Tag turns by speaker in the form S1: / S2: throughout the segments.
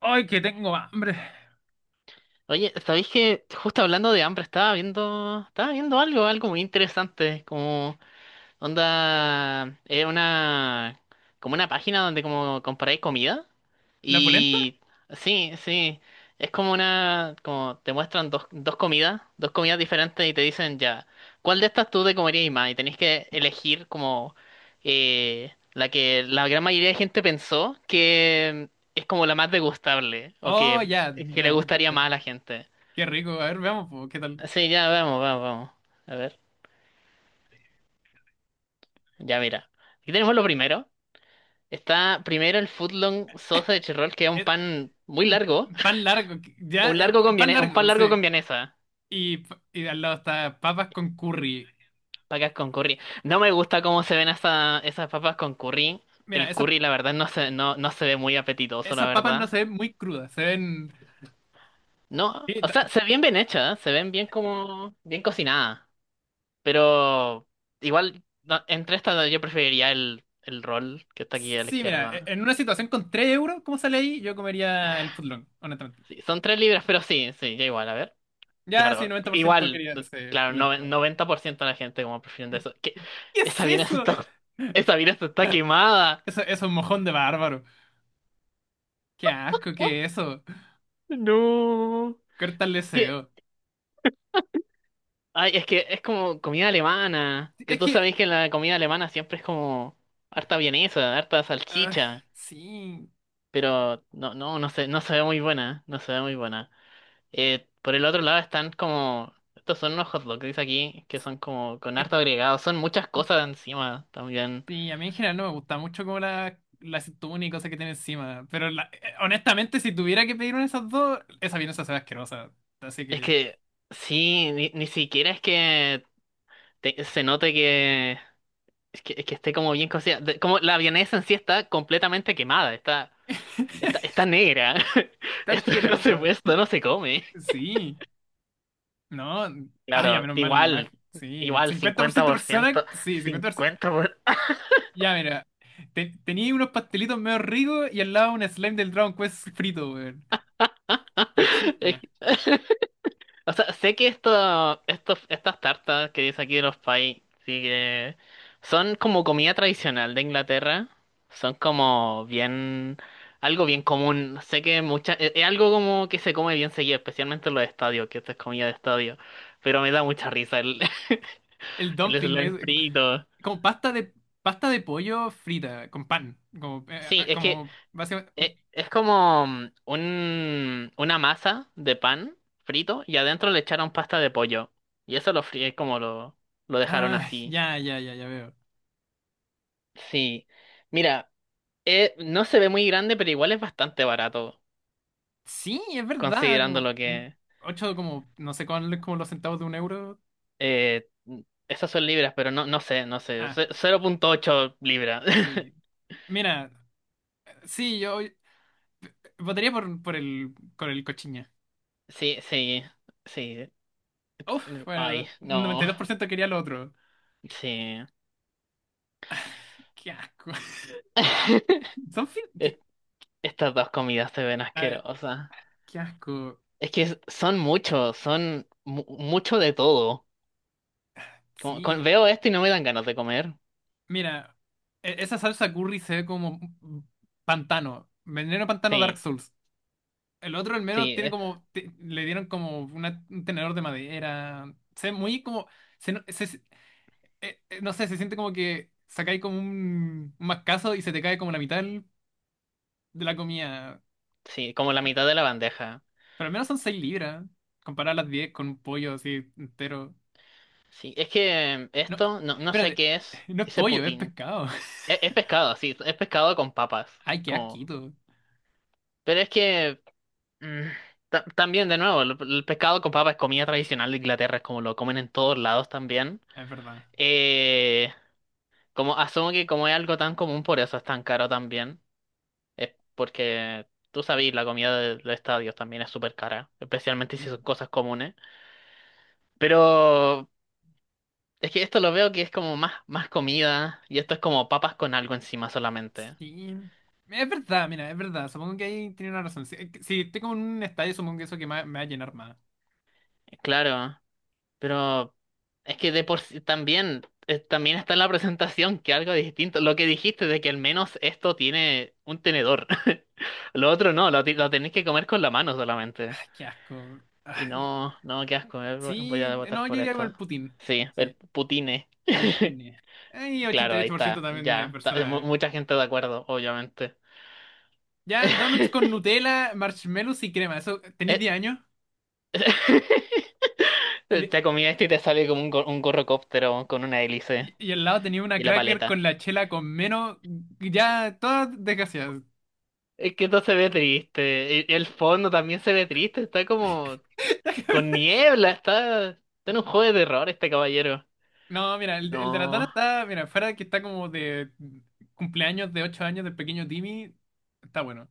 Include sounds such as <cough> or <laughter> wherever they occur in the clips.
S1: ¡Ay, que tengo hambre!
S2: Oye, ¿sabéis que justo hablando de hambre estaba viendo algo muy interesante, como onda, como una página donde como comparáis comida
S1: ¿La polenta?
S2: y sí, sí, es como una, como te muestran dos comidas diferentes y te dicen ya, ¿cuál de estas tú te comerías más? Y tenéis que elegir como la que la gran mayoría de gente pensó que es como la más degustable o
S1: Oh, ya,
S2: que le
S1: ya,
S2: gustaría
S1: cacho.
S2: más a la gente.
S1: Qué rico. A ver, veamos, po, ¿qué tal?
S2: Sí, ya vamos, vamos, vamos. A ver, ya mira. Aquí tenemos lo primero. Está primero el footlong sausage roll, que es un
S1: Es
S2: pan muy largo.
S1: pan largo, ya, pan
S2: Un pan
S1: largo,
S2: largo con
S1: sí.
S2: vienesa.
S1: Y al lado está papas con curry.
S2: Papas con curry. No
S1: Ah,
S2: me gusta cómo se ven esas papas con curry.
S1: Mira,
S2: El
S1: esas,
S2: curry, la verdad, no se ve muy apetitoso, la
S1: esas papas no
S2: verdad.
S1: se ven muy crudas, se ven.
S2: No,
S1: Sí,
S2: o
S1: ta-
S2: sea, se ven bien hechas, se ven bien como, bien cocinadas. Pero igual, no, entre estas yo preferiría el roll que está aquí a la
S1: sí, mira,
S2: izquierda.
S1: en una situación con 3 euros, ¿cómo sale ahí? Yo comería el footlong, honestamente.
S2: Sí, son £3, pero sí, sí, ya igual, a ver.
S1: Ya, sí,
S2: Claro,
S1: 90%
S2: igual,
S1: quería ese
S2: claro, no,
S1: polenta.
S2: 90% de la gente como prefiriendo eso. ¿Qué?
S1: ¿Qué es
S2: Esa Venus <laughs>
S1: eso?
S2: está, esa Venus está
S1: <laughs>
S2: quemada.
S1: Eso es un mojón de bárbaro. Qué asco,
S2: Oh,
S1: ¿qué es eso?
S2: no.
S1: Corta el
S2: ¿Qué?
S1: deseo.
S2: Ay, es que es como comida alemana. Que
S1: Es
S2: tú
S1: que,
S2: sabes que la comida alemana siempre es como harta vienesa, harta
S1: ah,
S2: salchicha.
S1: sí,
S2: Pero no se ve muy buena, no se ve muy buena. Por el otro lado están como, estos son unos hot dogs, dice aquí, que son como con
S1: es-
S2: harto agregado, son muchas cosas encima también.
S1: sí, a mí en general no me gusta mucho como la aceituna y cosas que tiene encima, pero honestamente, si tuviera que pedir una de esas dos, esa vienesa se ve asquerosa, así
S2: Es
S1: que.
S2: que, sí, ni siquiera es que te- se note que, es que esté como bien cocida. De- como la vienesa en sí está completamente quemada, está
S1: <laughs>
S2: negra. <laughs>
S1: Está
S2: Esto no se
S1: asquerosa,
S2: puede, esto no se come.
S1: sí, no, ya
S2: Claro,
S1: menos mal, más, sí,
S2: igual,
S1: 50% personas,
S2: 50%, 50%. Por- ciento.
S1: sí, 50%. Ya mira, tenía unos pastelitos medio ricos y al lado un slime del Dragon Quest frito, weón.
S2: <laughs> Es
S1: Cochiña.
S2: que- <laughs> O sea, sé que esto, estos estas tartas que dice aquí de los pies, sí que son como comida tradicional de Inglaterra. Son como bien, algo bien común. Sé que mucha, es algo como que se come bien seguido, especialmente en los estadios, que esto es comida de estadio. Pero me da mucha risa
S1: El
S2: <laughs> el
S1: dumping es
S2: slime frito.
S1: como pasta de pollo frita con pan, como
S2: Sí, es que
S1: como básicamente,
S2: es, como una masa de pan frito y adentro le echaron pasta de pollo. Y eso lo fríe como lo dejaron
S1: ah,
S2: así.
S1: ya, ya, ya, ya veo.
S2: Sí, mira, no se ve muy grande, pero igual es bastante barato,
S1: Sí, es verdad,
S2: considerando
S1: como
S2: lo que...
S1: ocho, como no sé cuál, como los centavos de un euro.
S2: Eh, esas son libras, pero no sé,
S1: Ah,
S2: £0.8.
S1: sí.
S2: <laughs>
S1: Mira, sí, yo votaría por el cochiña.
S2: Sí, sí, sí.
S1: Uf,
S2: Ay,
S1: bueno, noventa y
S2: no,
S1: dos por ciento quería lo otro.
S2: sí.
S1: Qué asco.
S2: <laughs>
S1: <laughs> Son fin-
S2: Es-
S1: qué,
S2: Estas dos comidas se ven
S1: a ver,
S2: asquerosas.
S1: qué asco.
S2: Es que son muchos, mucho de todo.
S1: Sí.
S2: Veo esto y no me dan ganas de comer.
S1: Mira, esa salsa curry se ve como pantano. Veneno pantano Dark
S2: Sí,
S1: Souls. El otro al menos
S2: sí,
S1: tiene como, le dieron como un tenedor de madera. Se ve muy como. Se, no se- se- No sé, se siente como que sacáis como un mascazo y se te cae como la mitad de la comida.
S2: sí, como la mitad de la bandeja.
S1: Pero al menos son 6 libras. Comparar las 10 con un pollo así entero.
S2: Sí, es que
S1: No,
S2: esto, no, no sé
S1: espérate.
S2: qué es,
S1: No es
S2: ese
S1: pollo, es
S2: Putin.
S1: pescado. <laughs>
S2: Es pescado, sí, es pescado con papas.
S1: Ay, qué
S2: Como...
S1: asquito.
S2: Pero es que mm, también, de nuevo, el pescado con papas es comida tradicional de Inglaterra, es como lo comen en todos lados también.
S1: Es verdad.
S2: Eh, como asumo que como es algo tan común, por eso es tan caro también. Es porque tú sabes, la comida de estadios también es súper cara, especialmente si son cosas comunes. Pero es que esto lo veo que es como más comida y esto es como papas con algo encima solamente.
S1: Sí. Es verdad, mira, es verdad. Supongo que ahí tiene una razón. Si estoy como en un estadio, supongo que eso que me va a llenar más.
S2: Claro, pero es que de por sí también, también está en la presentación que algo distinto. Lo que dijiste de que al menos esto tiene un tenedor. <laughs> Lo otro no, lo tenés que comer con la mano solamente.
S1: Ay, qué asco.
S2: Y
S1: Ay,
S2: no, no, qué asco, voy a
S1: sí,
S2: votar
S1: no, yo
S2: por
S1: iría con
S2: esto.
S1: el Putin.
S2: Sí, el
S1: Sí,
S2: putine. <laughs>
S1: Poutine. Ay,
S2: Claro, ahí
S1: 88%
S2: está,
S1: también de
S2: ya.
S1: personas.
S2: Mucha gente de acuerdo, obviamente.
S1: Ya, donuts con
S2: <laughs>
S1: Nutella, marshmallows y crema. Eso, tenéis
S2: Eh,
S1: 10 años. Y, de-
S2: Te comí esto y te sale como un gorrocóptero con una hélice
S1: y al lado tenía una
S2: y la
S1: cracker con
S2: paleta.
S1: la chela con menos. Ya, todas desgraciadas.
S2: Es que esto se ve triste. E- El fondo también se ve triste. Está como con
S1: <laughs>
S2: niebla. Está en un juego de terror este caballero.
S1: No, mira, el de la Tana
S2: No.
S1: está, mira, fuera de que está como de cumpleaños de 8 años del pequeño Timmy, está bueno.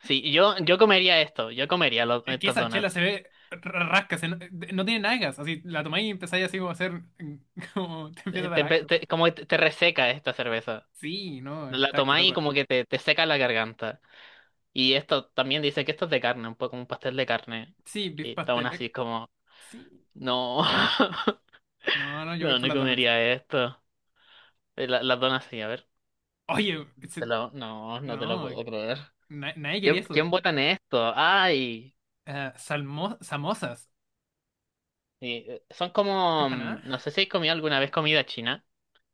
S2: Sí, yo comería esto. Yo comería
S1: Es que
S2: estos
S1: esa chela se
S2: donuts.
S1: ve rasca, se no, no tiene nada de gas, así la tomáis y empezáis así como a hacer, <laughs> como te empieza a dar asco.
S2: Como que te reseca esta cerveza.
S1: Sí, no,
S2: La
S1: está
S2: tomáis y
S1: asquerosa.
S2: como que te seca la garganta. Y esto también dice que esto es de carne, un poco como un pastel de carne.
S1: Sí, beef
S2: Y está aún
S1: pastel,
S2: así como...
S1: sí.
S2: No, <laughs>
S1: No, no, yo voy
S2: no,
S1: por
S2: no
S1: las donuts.
S2: comería esto. Las donas sí, a ver.
S1: Oye,
S2: No, no te lo
S1: no,
S2: puedo creer.
S1: nadie quería
S2: ¿
S1: eso.
S2: quién vota en esto? Ay,
S1: Ah, samosas,
S2: sí, son como,
S1: empanada,
S2: no sé si has comido alguna vez comida china.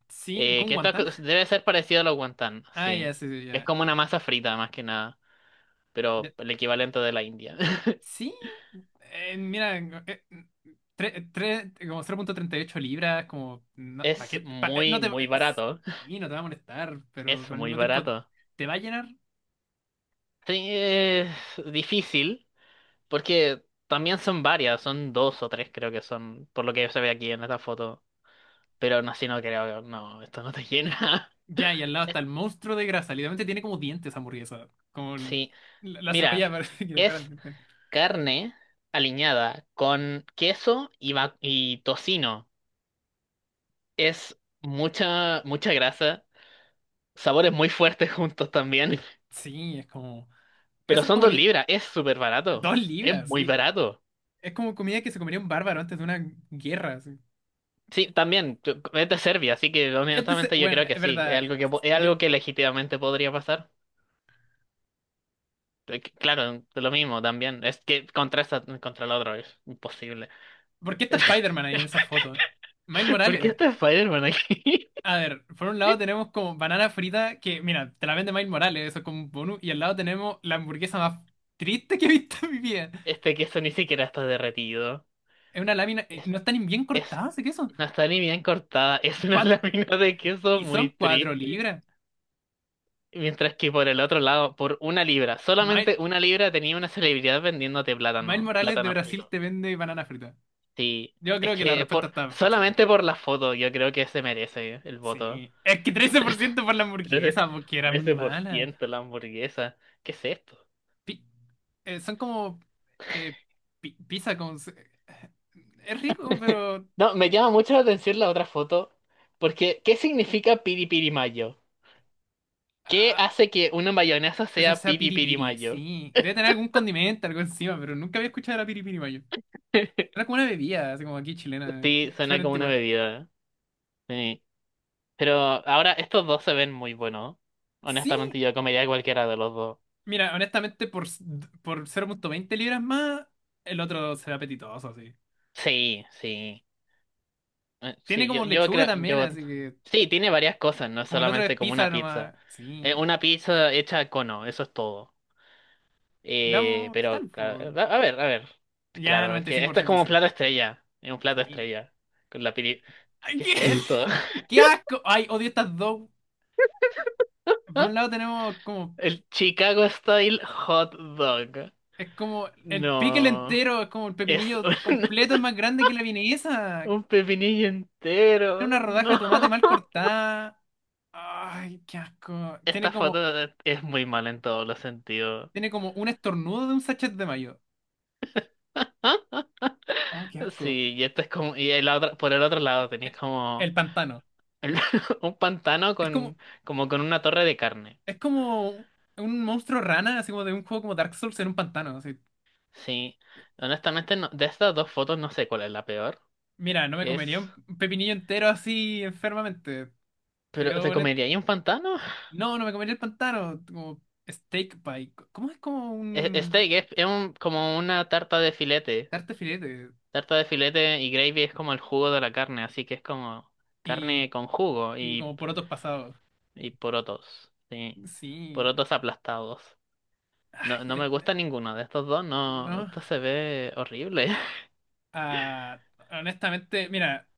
S1: sí, con
S2: Que
S1: guantán.
S2: debe ser parecido a los wonton,
S1: Ah, ya,
S2: sí.
S1: sí, sí,
S2: Es
S1: ya.
S2: como una masa frita más que nada, pero el equivalente de la India. <laughs>
S1: Sí, mira, eh, como 0,38 libras, como, no, ¿pa'
S2: Es
S1: qué? No
S2: muy,
S1: te,
S2: muy
S1: es-
S2: barato.
S1: sí, no te va a molestar, pero
S2: Es
S1: al
S2: muy
S1: mismo tiempo
S2: barato.
S1: te va a llenar.
S2: Sí, es difícil, porque también son varias, son dos o tres creo que son, por lo que se ve aquí en esta foto. Pero no, si no creo, no, esto no te llena. <laughs>
S1: Ya, y al lado está el monstruo de grasa, literalmente tiene como dientes esa hamburguesa, como el-
S2: Sí,
S1: la, la
S2: mira,
S1: cebolla <laughs> parece que le fueran
S2: es
S1: dientes.
S2: carne aliñada con queso y, y tocino. Es mucha, mucha grasa, sabores muy fuertes juntos también,
S1: Sí, es como,
S2: pero
S1: eso es
S2: son
S1: como
S2: dos libras, es súper barato,
S1: dos
S2: es
S1: libras,
S2: muy
S1: sí.
S2: barato.
S1: Es como comida que se comería un bárbaro antes de una guerra, sí.
S2: Sí, también, es de Serbia, así que honestamente yo
S1: Bueno,
S2: creo que
S1: es
S2: sí, es
S1: verdad,
S2: algo que, es
S1: bien-
S2: algo que legítimamente podría pasar. Claro, lo mismo también, es que contra, contra el otro es imposible.
S1: ¿por qué está Spider-Man ahí en esa foto? Miles
S2: ¿Por qué
S1: Morales.
S2: está Spider-Man aquí? <laughs>
S1: A ver, por un lado tenemos como banana frita, que mira, te la vende Miles Morales, eso es como un bonus, y al lado tenemos la hamburguesa más triste que he visto en mi vida.
S2: Este queso ni siquiera está derretido.
S1: Es una lámina,
S2: Es,
S1: no están ni bien
S2: es,
S1: cortadas ese queso.
S2: no está ni bien cortada.
S1: Y,
S2: Es una <laughs>
S1: cuat-
S2: lámina de queso
S1: y son
S2: muy
S1: cuatro
S2: triste.
S1: libras.
S2: Mientras que por el otro lado, por £1,
S1: Miles,
S2: solamente £1 tenía una celebridad vendiéndote
S1: Miles
S2: plátano,
S1: Morales de
S2: plátano
S1: Brasil
S2: frito.
S1: te vende banana frita.
S2: Sí,
S1: Yo
S2: es
S1: creo que la
S2: que
S1: respuesta
S2: por,
S1: está fácil ahí.
S2: solamente por la foto yo creo que se merece el voto.
S1: Sí. Es que 13% por ciento por la
S2: 13,
S1: hamburguesa, porque era muy mala.
S2: 13% la hamburguesa. ¿Qué es esto?
S1: Pi- Son como eh, pizza con eh, es rico, pero,
S2: No, me llama mucho la atención la otra foto. Porque, ¿qué significa piri piri mayo? ¿Qué
S1: ah,
S2: hace que una mayonesa
S1: esa
S2: sea
S1: sea
S2: piri piri
S1: piripiri,
S2: mayo?
S1: sí. Debe tener algún condimento, algo encima, pero nunca había escuchado la piripiri mayo. Era
S2: <laughs>
S1: como una bebida, así como aquí chilena,
S2: Sí,
S1: súper
S2: suena como una
S1: antigua.
S2: bebida. Sí. Pero ahora estos dos se ven muy buenos.
S1: Sí,
S2: Honestamente, yo comería cualquiera de los dos.
S1: mira, honestamente, por 0,20 libras más, el otro se ve apetitoso, así.
S2: Sí, sí.
S1: Tiene
S2: Sí,
S1: como
S2: yo
S1: lechuga
S2: creo,
S1: también,
S2: yo...
S1: así que
S2: Sí, tiene varias cosas, no es
S1: como el otro es
S2: solamente como una
S1: pizza
S2: pizza.
S1: nomás. Sí.
S2: Una pizza hecha cono, eso es todo.
S1: Veamos, ¿qué
S2: Pero,
S1: tal, po?
S2: claro, a ver, a ver.
S1: Ya,
S2: Claro, es que esto es
S1: 95%,
S2: como un
S1: sí.
S2: plato estrella. Es un plato
S1: Sí.
S2: estrella. Con la piri...
S1: Ay,
S2: ¿Qué
S1: qué.
S2: es esto?
S1: <laughs> Mm. Qué asco. Ay, odio estas dos. Por un
S2: <laughs>
S1: lado tenemos como,
S2: El Chicago Style Hot Dog.
S1: es como el pickle
S2: No.
S1: entero, es como el
S2: Es
S1: pepinillo
S2: un,
S1: completo, es más grande que la
S2: <laughs>
S1: vienesa.
S2: un pepinillo
S1: Tiene una
S2: entero.
S1: rodaja de
S2: No.
S1: tomate mal cortada. Ay, qué asco. Tiene
S2: Esta foto
S1: como,
S2: es muy mala en todos los sentidos.
S1: tiene como un estornudo de un sachet de mayo.
S2: ¿Ah?
S1: Oh, qué asco.
S2: Sí, y esto es como. Y el otro, por el otro lado tenéis
S1: El
S2: como
S1: pantano.
S2: el- <laughs> un pantano
S1: Es como,
S2: con, como con una torre de carne.
S1: es como un monstruo rana, así como de un juego como Dark Souls en un pantano. Así.
S2: Sí. Honestamente, de estas dos fotos no sé cuál es la peor.
S1: Mira, no me
S2: Es.
S1: comería un pepinillo entero así enfermamente.
S2: Pero,
S1: Yo,
S2: ¿te
S1: honet-
S2: comerías un pantano?
S1: no, no me comería el pantano. Como steak pie. ¿Cómo es como un
S2: Steak es, como una tarta de filete.
S1: tarte filete?
S2: Tarta de filete y gravy es como el jugo de la carne, así que es como
S1: Y
S2: carne con jugo
S1: Y como por otros pasados.
S2: y porotos, sí,
S1: Sí.
S2: porotos aplastados.
S1: Ay,
S2: No, no me gusta ninguno de estos dos, no,
S1: no.
S2: esto se ve horrible. <laughs>
S1: Ah, honestamente, mira,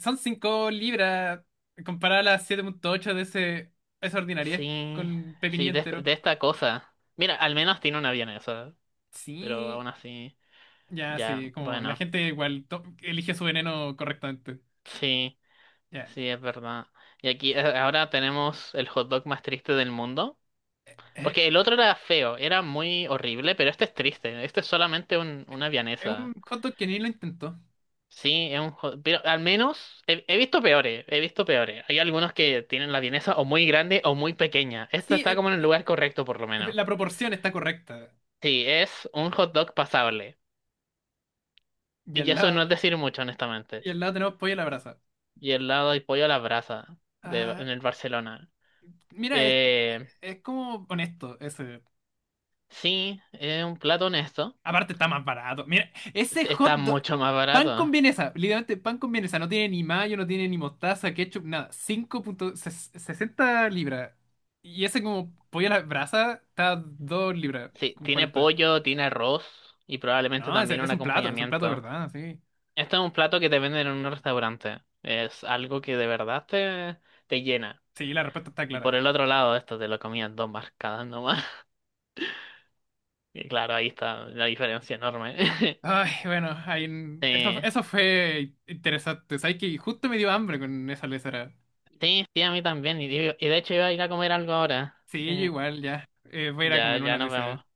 S1: son 5 libras comparada a las 7,8 de ese, esa ordinariedad
S2: Sí,
S1: con pepinillo
S2: sí, de,
S1: entero.
S2: de esta cosa. Mira, al menos tiene una vienesa, pero
S1: Sí,
S2: aún así,
S1: ya,
S2: ya,
S1: sí, como la
S2: bueno,
S1: gente igual elige su veneno correctamente.
S2: sí,
S1: Ya.
S2: sí, es verdad. Y aquí ahora tenemos el hot dog más triste del mundo.
S1: Es,
S2: Porque el otro era feo, era muy horrible, pero este es triste. Este es solamente una
S1: es un
S2: vianesa.
S1: hot dog que ni lo intentó.
S2: Sí, es un... Pero al menos he visto peores, he visto peores. Hay algunos que tienen la vienesa o muy grande o muy pequeña. Esta
S1: Sí,
S2: está como en el lugar correcto, por lo menos.
S1: la proporción está correcta.
S2: Sí, es un hot dog pasable.
S1: Y
S2: Y
S1: al
S2: eso
S1: lado,
S2: no es decir mucho, honestamente.
S1: y al lado tenemos pollo a la brasa.
S2: Y el lado hay pollo a la brasa
S1: Ah,
S2: en el Barcelona.
S1: mira, es,
S2: Eh,
S1: es como honesto ese.
S2: sí, es un plato honesto.
S1: Aparte está más barato. Mira, ese hot
S2: Está
S1: dog,
S2: mucho más
S1: pan con
S2: barato.
S1: vienesa, literalmente pan con vienesa, no tiene ni mayo, no tiene ni mostaza, ketchup, nada. 5,60 libras. Y ese como pollo a la brasa está dos libras
S2: Sí,
S1: con
S2: tiene
S1: cuarenta
S2: pollo, tiene arroz y probablemente
S1: No,
S2: también
S1: ese
S2: un
S1: es un plato de
S2: acompañamiento.
S1: verdad, sí.
S2: Este es un plato que te venden en un restaurante. Es algo que de verdad te llena.
S1: Sí, la respuesta está
S2: Y por
S1: clara.
S2: el otro lado, esto te lo comían dos marcadas nomás. <laughs> Y claro, ahí está la diferencia enorme. <laughs>
S1: Ay, bueno,
S2: Sí,
S1: eso fue interesante. Sabes que justo me dio hambre con esa lesera.
S2: sí, sí, a mí también. Y, y de hecho iba a ir a comer algo ahora.
S1: Sí, yo
S2: Sí,
S1: igual, ya. Voy a ir a
S2: ya,
S1: comer
S2: ya
S1: una
S2: nos
S1: lesera.
S2: vemos.